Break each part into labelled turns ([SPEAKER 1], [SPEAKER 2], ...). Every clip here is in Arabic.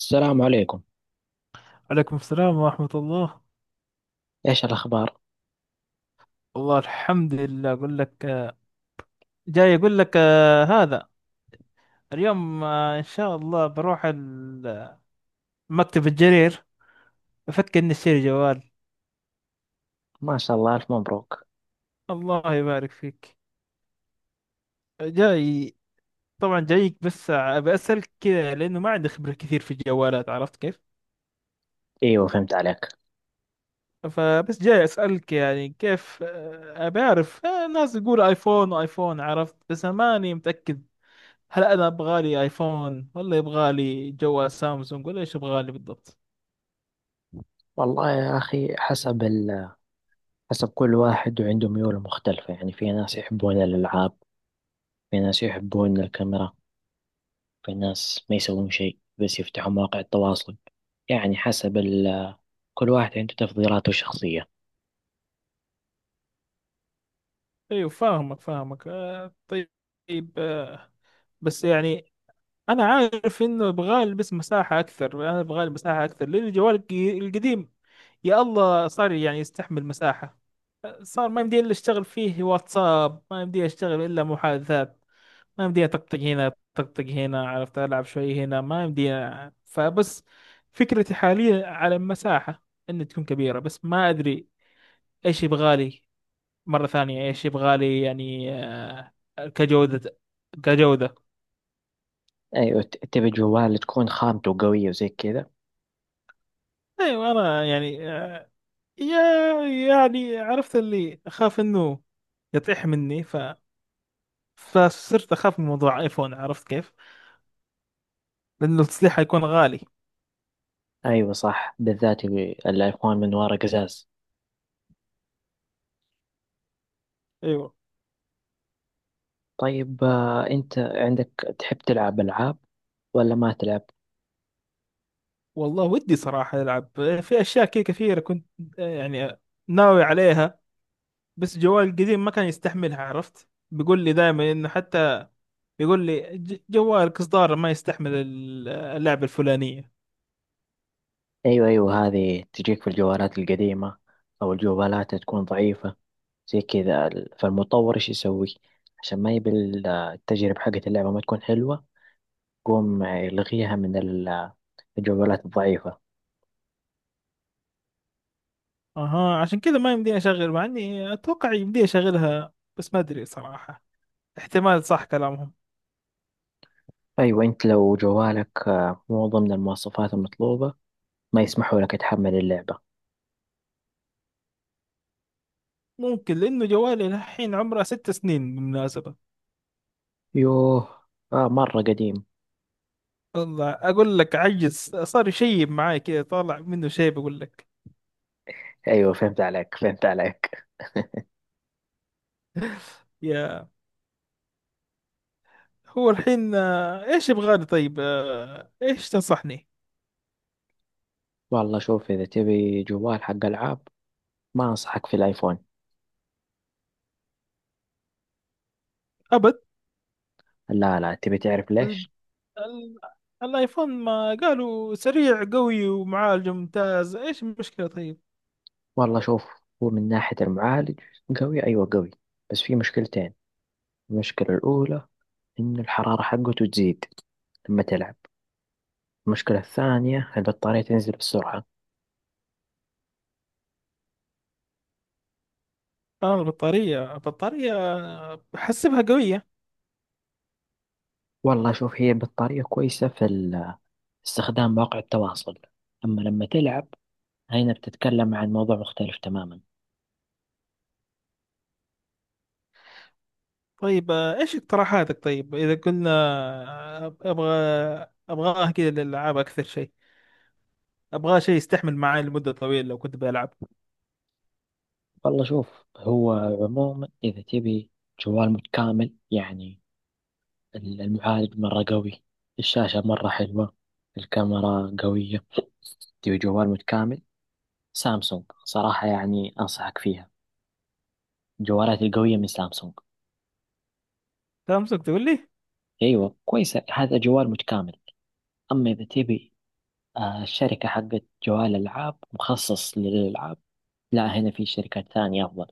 [SPEAKER 1] السلام عليكم.
[SPEAKER 2] عليكم السلام ورحمة الله.
[SPEAKER 1] ايش الاخبار؟
[SPEAKER 2] والله الحمد لله. أقول لك جاي أقول لك، هذا اليوم إن شاء الله بروح مكتب الجرير. أفكر إني أشتري جوال.
[SPEAKER 1] ما شاء الله، الف مبروك.
[SPEAKER 2] الله يبارك فيك. جاي، طبعا جايك، بس أبي أسألك كذا لأنه ما عندي خبرة كثير في الجوالات، عرفت كيف.
[SPEAKER 1] ايوه، فهمت عليك.
[SPEAKER 2] فبس جاي أسألك، يعني كيف، أبي أعرف، الناس يقول آيفون آيفون عرفت، بس أنا ماني متأكد. هل انا ابغى لي ايفون، ولا يبغى لي جوال سامسونج، ولا ايش يبغى لي بالضبط؟
[SPEAKER 1] والله يا اخي، حسب حسب كل واحد، وعنده ميول مختلفة. يعني في ناس يحبون الالعاب، في ناس يحبون الكاميرا، في ناس ما يسوون شيء بس يفتحوا مواقع التواصل. يعني حسب كل واحد عنده تفضيلاته الشخصية.
[SPEAKER 2] ايوه، فاهمك فاهمك، آه طيب آه. بس يعني انا عارف انه يبغى لي بس مساحه اكثر. انا يبغى لي مساحه اكثر، لان الجوال القديم يا الله صار يعني يستحمل مساحه. صار ما يمدي الا اشتغل فيه واتساب، ما يمدي اشتغل الا محادثات. ما يمديها طقطق هنا طقطق هنا، عرفت، ألعب شوي هنا ما يمديها. فبس فكرتي حاليا على المساحة، إن تكون كبيرة. بس ما أدري إيش يبغالي مرة ثانية، إيش يبغالي يعني كجودة، كجودة.
[SPEAKER 1] ايوه، تبي جوال تكون خامته قوية وزي كذا.
[SPEAKER 2] أيوة، أنا يعني يا يعني عرفت اللي أخاف إنه يطيح مني، ف فصرت أخاف من موضوع آيفون، عرفت كيف؟ لأنه التصليح حيكون غالي.
[SPEAKER 1] ايوه صح، بالذات يبي الايفون من ورا قزاز.
[SPEAKER 2] أيوة.
[SPEAKER 1] طيب، انت عندك تحب تلعب العاب ولا ما تلعب؟
[SPEAKER 2] والله ودي صراحة ألعب في أشياء كثيرة. كنت يعني ناوي عليها، بس جوالي القديم ما كان يستحملها، عرفت، بيقول لي دائما إنه حتى بيقول لي جوالك إصدار ما يستحمل اللعبة الفلانية.
[SPEAKER 1] ايوه ايوه، هذه تجيك في الجوالات القديمة، او الجوالات تكون ضعيفة زي كذا. فالمطور ايش يسوي؟ عشان ما يبي التجربة حقت اللعبة ما تكون حلوة، يقوم يلغيها من الجوالات الضعيفة.
[SPEAKER 2] أها، عشان كذا ما يمديني أشغل. مع إني أتوقع يمديني أشغلها، بس ما أدري صراحة. احتمال صح كلامهم.
[SPEAKER 1] ايوه، انت لو جوالك مو ضمن المواصفات المطلوبة، ما يسمحوا لك تحمل اللعبة.
[SPEAKER 2] ممكن، لأنه جوالي الحين عمره 6 سنين بالمناسبة.
[SPEAKER 1] يوه، آه مرة قديم.
[SPEAKER 2] والله أقول لك عجز، صار شيب معاي كذا، طالع منه شيب أقول لك.
[SPEAKER 1] ايوه فهمت عليك، فهمت عليك.
[SPEAKER 2] يا، هو الحين ايش يبغى لي طيب، ايش تنصحني؟
[SPEAKER 1] والله شوف، اذا تبي جوال حق العاب ما انصحك في الايفون.
[SPEAKER 2] ابد.
[SPEAKER 1] لا لا، تبي تعرف
[SPEAKER 2] ال...
[SPEAKER 1] ليش؟
[SPEAKER 2] ال... الايفون ما قالوا سريع قوي ومعالج ممتاز، ايش المشكلة طيب؟
[SPEAKER 1] والله شوف، هو من ناحية المعالج قوي، أيوة قوي، بس في مشكلتين. المشكلة الأولى إن الحرارة حقته تزيد لما تلعب. المشكلة الثانية البطارية تنزل بسرعة.
[SPEAKER 2] انا البطارية، البطارية بحسبها قوية.
[SPEAKER 1] والله شوف، هي البطارية كويسة في استخدام مواقع التواصل، أما لما تلعب هنا بتتكلم عن موضوع مختلف تماما.
[SPEAKER 2] طيب ايش اقتراحاتك؟ طيب اذا قلنا ابغى، ابغاه كذا للالعاب اكثر شيء، ابغاه شيء يستحمل معي لمدة طويلة لو كنت بلعب.
[SPEAKER 1] والله شوف، هو عموما إذا تبي جوال متكامل، يعني المعالج مرة قوي، الشاشة مرة حلوة، الكاميرا قوية، تبي جوال متكامل، سامسونج صراحة يعني أنصحك فيها، الجوالات القوية من سامسونج.
[SPEAKER 2] سامسونج تقول لي.
[SPEAKER 1] أيوة كويسة، هذا جوال متكامل. أما إذا تبي الشركة حقت جوال ألعاب مخصص للألعاب، لا هنا في شركات ثانية أفضل.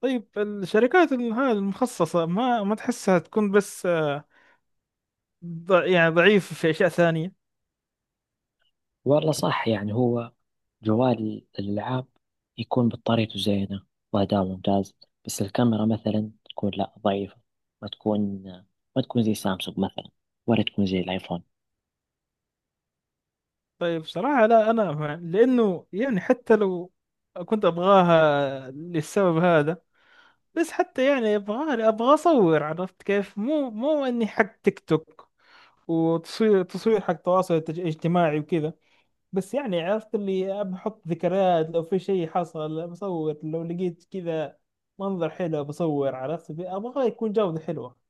[SPEAKER 2] طيب الشركات هذه المخصصة ما تحسها تكون بس يعني ضعيف في اشياء ثانيه؟
[SPEAKER 1] والله صح، يعني هو جوال الألعاب يكون بطاريته زينة وأداء ممتاز، بس الكاميرا مثلا تكون لا ضعيفة، ما تكون ما تكون زي سامسونج مثلا، ولا تكون زي الآيفون.
[SPEAKER 2] طيب صراحه، لا انا لانه يعني حتى لو كنت ابغاها للسبب هذا، بس حتى يعني ابغى اصور، عرفت كيف، مو اني حق تيك توك، تصوير حق تواصل اجتماعي وكذا. بس يعني عرفت اللي بحط ذكريات، لو في شيء حصل بصور، لو لقيت كذا منظر حلو بصور، عرفت، ابغى يكون جودة حلوة.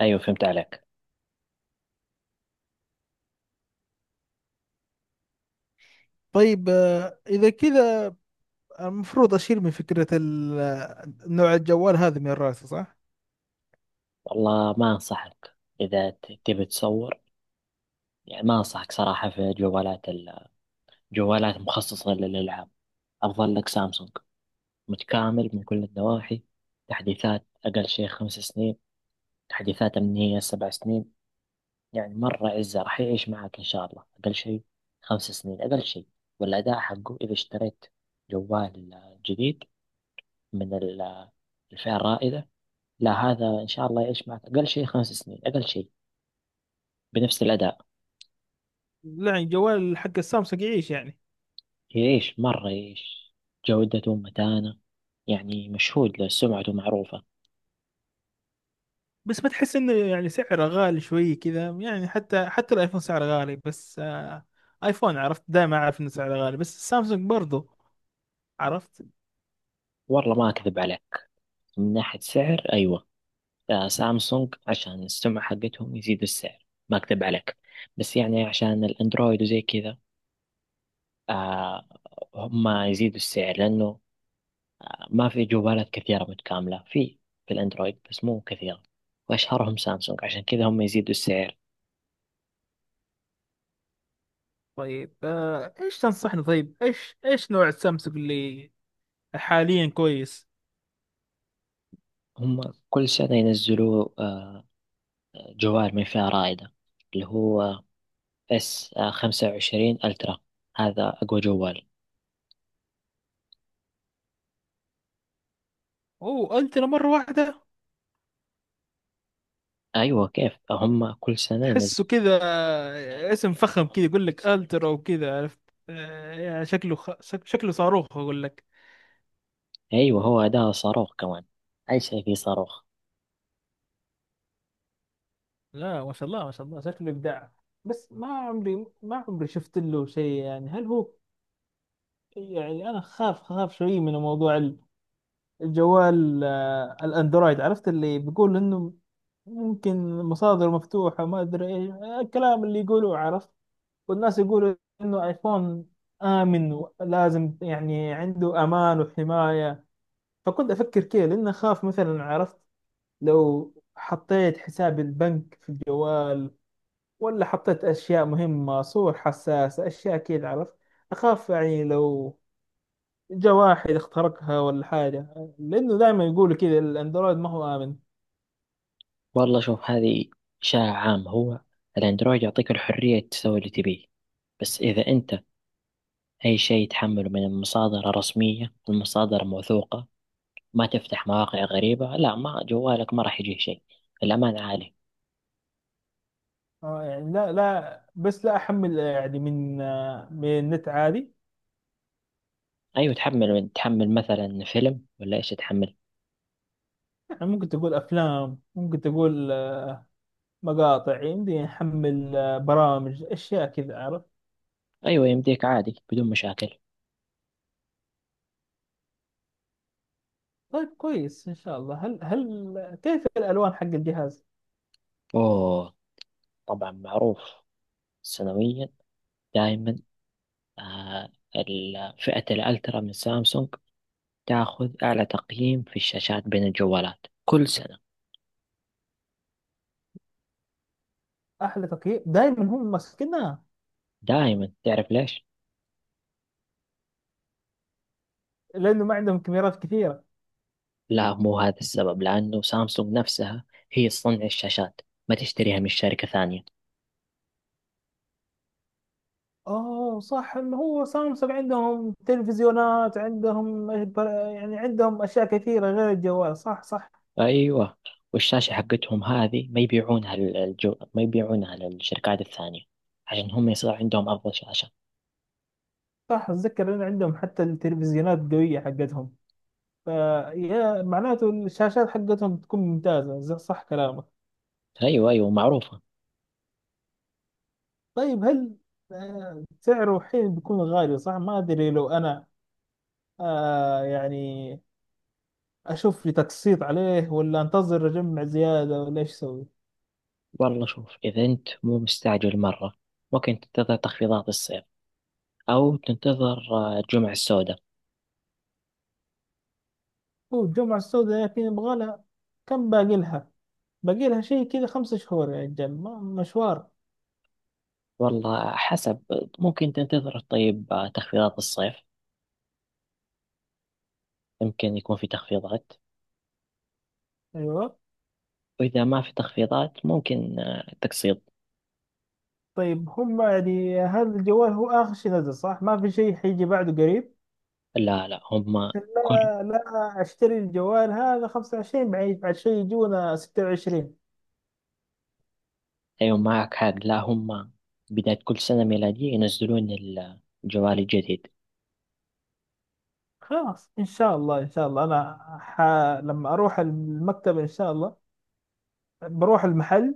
[SPEAKER 1] أيوة فهمت عليك.
[SPEAKER 2] طيب إذا كذا المفروض اشيل من فكرة نوع الجوال هذا من راسي، صح؟
[SPEAKER 1] والله ما أنصحك، إذا تبي تصور يعني ما أنصحك صراحة في جوالات جوالات مخصصة للألعاب، أفضل لك سامسونج متكامل من كل النواحي. تحديثات أقل شيء 5 سنين، تحديثات أمنية 7 سنين، يعني مرة عزة راح يعيش معك إن شاء الله أقل شيء 5 سنين، أقل شيء. والأداء حقه إذا اشتريت جوال جديد من الفئة الرائدة، لا هذا إن شاء الله يعيش معك أقل شيء 5 سنين، أقل شيء بنفس الأداء.
[SPEAKER 2] لا، يعني جوال حق السامسونج يعيش يعني؟
[SPEAKER 1] يعيش مرة، يعيش. جودته متانة، يعني مشهود له، سمعته معروفة.
[SPEAKER 2] بس ما تحس انه يعني سعره غالي شوي كذا؟ يعني حتى الايفون سعره غالي، بس آه، ايفون عرفت دائما اعرف انه سعره غالي، بس السامسونج برضو، عرفت.
[SPEAKER 1] والله ما أكذب عليك، من ناحية سعر أيوة، سامسونج عشان السمعة حقتهم يزيدوا السعر، ما أكذب عليك. بس يعني عشان الأندرويد وزي كذا، آه هم يزيدوا السعر، لأنه ما في جوالات كثيرة متكاملة في الأندرويد، بس مو كثيرة، وأشهرهم سامسونج، عشان كذا هم يزيدوا السعر.
[SPEAKER 2] طيب آه، ايش تنصحني؟ طيب ايش نوع السامسونج اللي حاليا كويس؟
[SPEAKER 1] هم كل سنة ينزلوا جوال من فئة رائدة، اللي هو S25 ألترا، هذا أقوى جوال.
[SPEAKER 2] اوه، الترا مرة واحدة.
[SPEAKER 1] أيوة، كيف، هم كل سنة
[SPEAKER 2] تحسه
[SPEAKER 1] ينزلوا.
[SPEAKER 2] كذا اسم فخم كذا، يقول لك الترا وكذا، عرفت. يا، شكله شكله صاروخ، اقول لك.
[SPEAKER 1] أيوة، هو ده صاروخ كمان، أي شيء فيه صاروخ.
[SPEAKER 2] لا، ما شاء الله، ما شاء الله، شكله ابداع. بس ما عمري، ما عمري شفت له شيء. يعني هل هو، يعني انا خاف شوي من موضوع الجوال، الاندرويد، عرفت اللي بيقول انه ممكن مصادر مفتوحة، ما ادري ايش الكلام اللي يقولوه، عرفت. والناس يقولوا انه ايفون آمن، لازم يعني عنده أمان وحماية. فكنت أفكر كذا، لأن أخاف مثلا، عرفت، لو حطيت حساب البنك في الجوال، ولا حطيت أشياء مهمة، صور حساسة، أشياء كذا، عرفت. أخاف يعني لو جا واحد اخترقها ولا حاجة، لأنه دائما يقولوا كذا الأندرويد ما هو آمن.
[SPEAKER 1] والله شوف، هذه إشاعة عامة. هو الأندرويد يعطيك الحرية تسوي اللي تبيه، بس إذا أنت أي شيء يتحمله من مصادر رسمية، المصادر موثوقة، ما تفتح مواقع غريبة، لا، ما جوالك ما راح يجيه شيء، الأمان عالي.
[SPEAKER 2] يعني لا لا، بس لا أحمل يعني من من النت عادي.
[SPEAKER 1] أيوة تحمل، من تحمل مثلا فيلم ولا إيش تحمل؟
[SPEAKER 2] يعني ممكن تقول أفلام، ممكن تقول مقاطع، يمديني أحمل برامج، أشياء كذا، عرفت.
[SPEAKER 1] أيوة يمديك عادي بدون مشاكل.
[SPEAKER 2] طيب كويس ان شاء الله. هل كيف الالوان حق الجهاز؟
[SPEAKER 1] أوه طبعا معروف، سنويا دائما، آه فئة الألترا من سامسونج تاخذ أعلى تقييم في الشاشات بين الجوالات كل سنة.
[SPEAKER 2] احلى تقييم دائما هم ماسكينها،
[SPEAKER 1] دائما، تعرف ليش؟
[SPEAKER 2] لانه ما عندهم كاميرات كثيره؟
[SPEAKER 1] لا، مو هذا السبب، لأنه سامسونج نفسها هي تصنع الشاشات، ما تشتريها من شركة ثانية.
[SPEAKER 2] اوه صح، ما هو سامسونج عندهم تلفزيونات، عندهم إيه يعني عندهم اشياء كثيره غير الجوال، صح صح.
[SPEAKER 1] أيوة، والشاشة حقتهم هذه ما يبيعونها ما يبيعونها للشركات الثانية، عشان هم يصير عندهم أفضل شاشة.
[SPEAKER 2] صح، اتذكر ان عندهم حتى التلفزيونات قويه حقتهم، فيا معناته الشاشات حقتهم تكون ممتازه، صح كلامك.
[SPEAKER 1] أيوة أيوة معروفة.
[SPEAKER 2] طيب هل سعره حين بيكون غالي صح؟ ما ادري لو انا آه يعني اشوف لي تقسيط عليه، ولا انتظر اجمع زياده، ولا ايش اسوي؟
[SPEAKER 1] والله شوف، إذا أنت مو مستعجل مرة، ممكن تنتظر تخفيضات الصيف، أو تنتظر الجمعة السوداء.
[SPEAKER 2] هو الجمعه السوداء لكن يبغى لها، كم باقي لها؟ باقي لها شيء كذا 5 شهور، يا رجال، مشوار.
[SPEAKER 1] والله حسب، ممكن تنتظر، طيب تخفيضات الصيف يمكن يكون في تخفيضات،
[SPEAKER 2] ايوه.
[SPEAKER 1] وإذا ما في تخفيضات ممكن تقسيط.
[SPEAKER 2] طيب هم يعني هذا الجوال هو اخر شيء نزل، صح؟ ما في شيء حيجي بعده قريب؟
[SPEAKER 1] لا لا، هم كل
[SPEAKER 2] لا لا، اشتري الجوال هذا 25 بعد، بعد شيء يجونا 26.
[SPEAKER 1] أيوة معك حق، لا هم بداية كل سنة ميلادية ينزلون الجوال الجديد،
[SPEAKER 2] خلاص ان شاء الله، ان شاء الله، انا لما اروح المكتب ان شاء الله بروح المحل،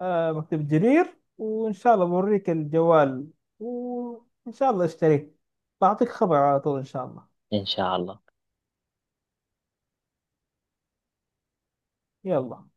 [SPEAKER 2] آه، مكتبة جرير، وإن شاء الله بوريك الجوال، وإن شاء الله اشتريت بعطيك خبر على طول إن شاء الله.
[SPEAKER 1] إن شاء الله.
[SPEAKER 2] يلا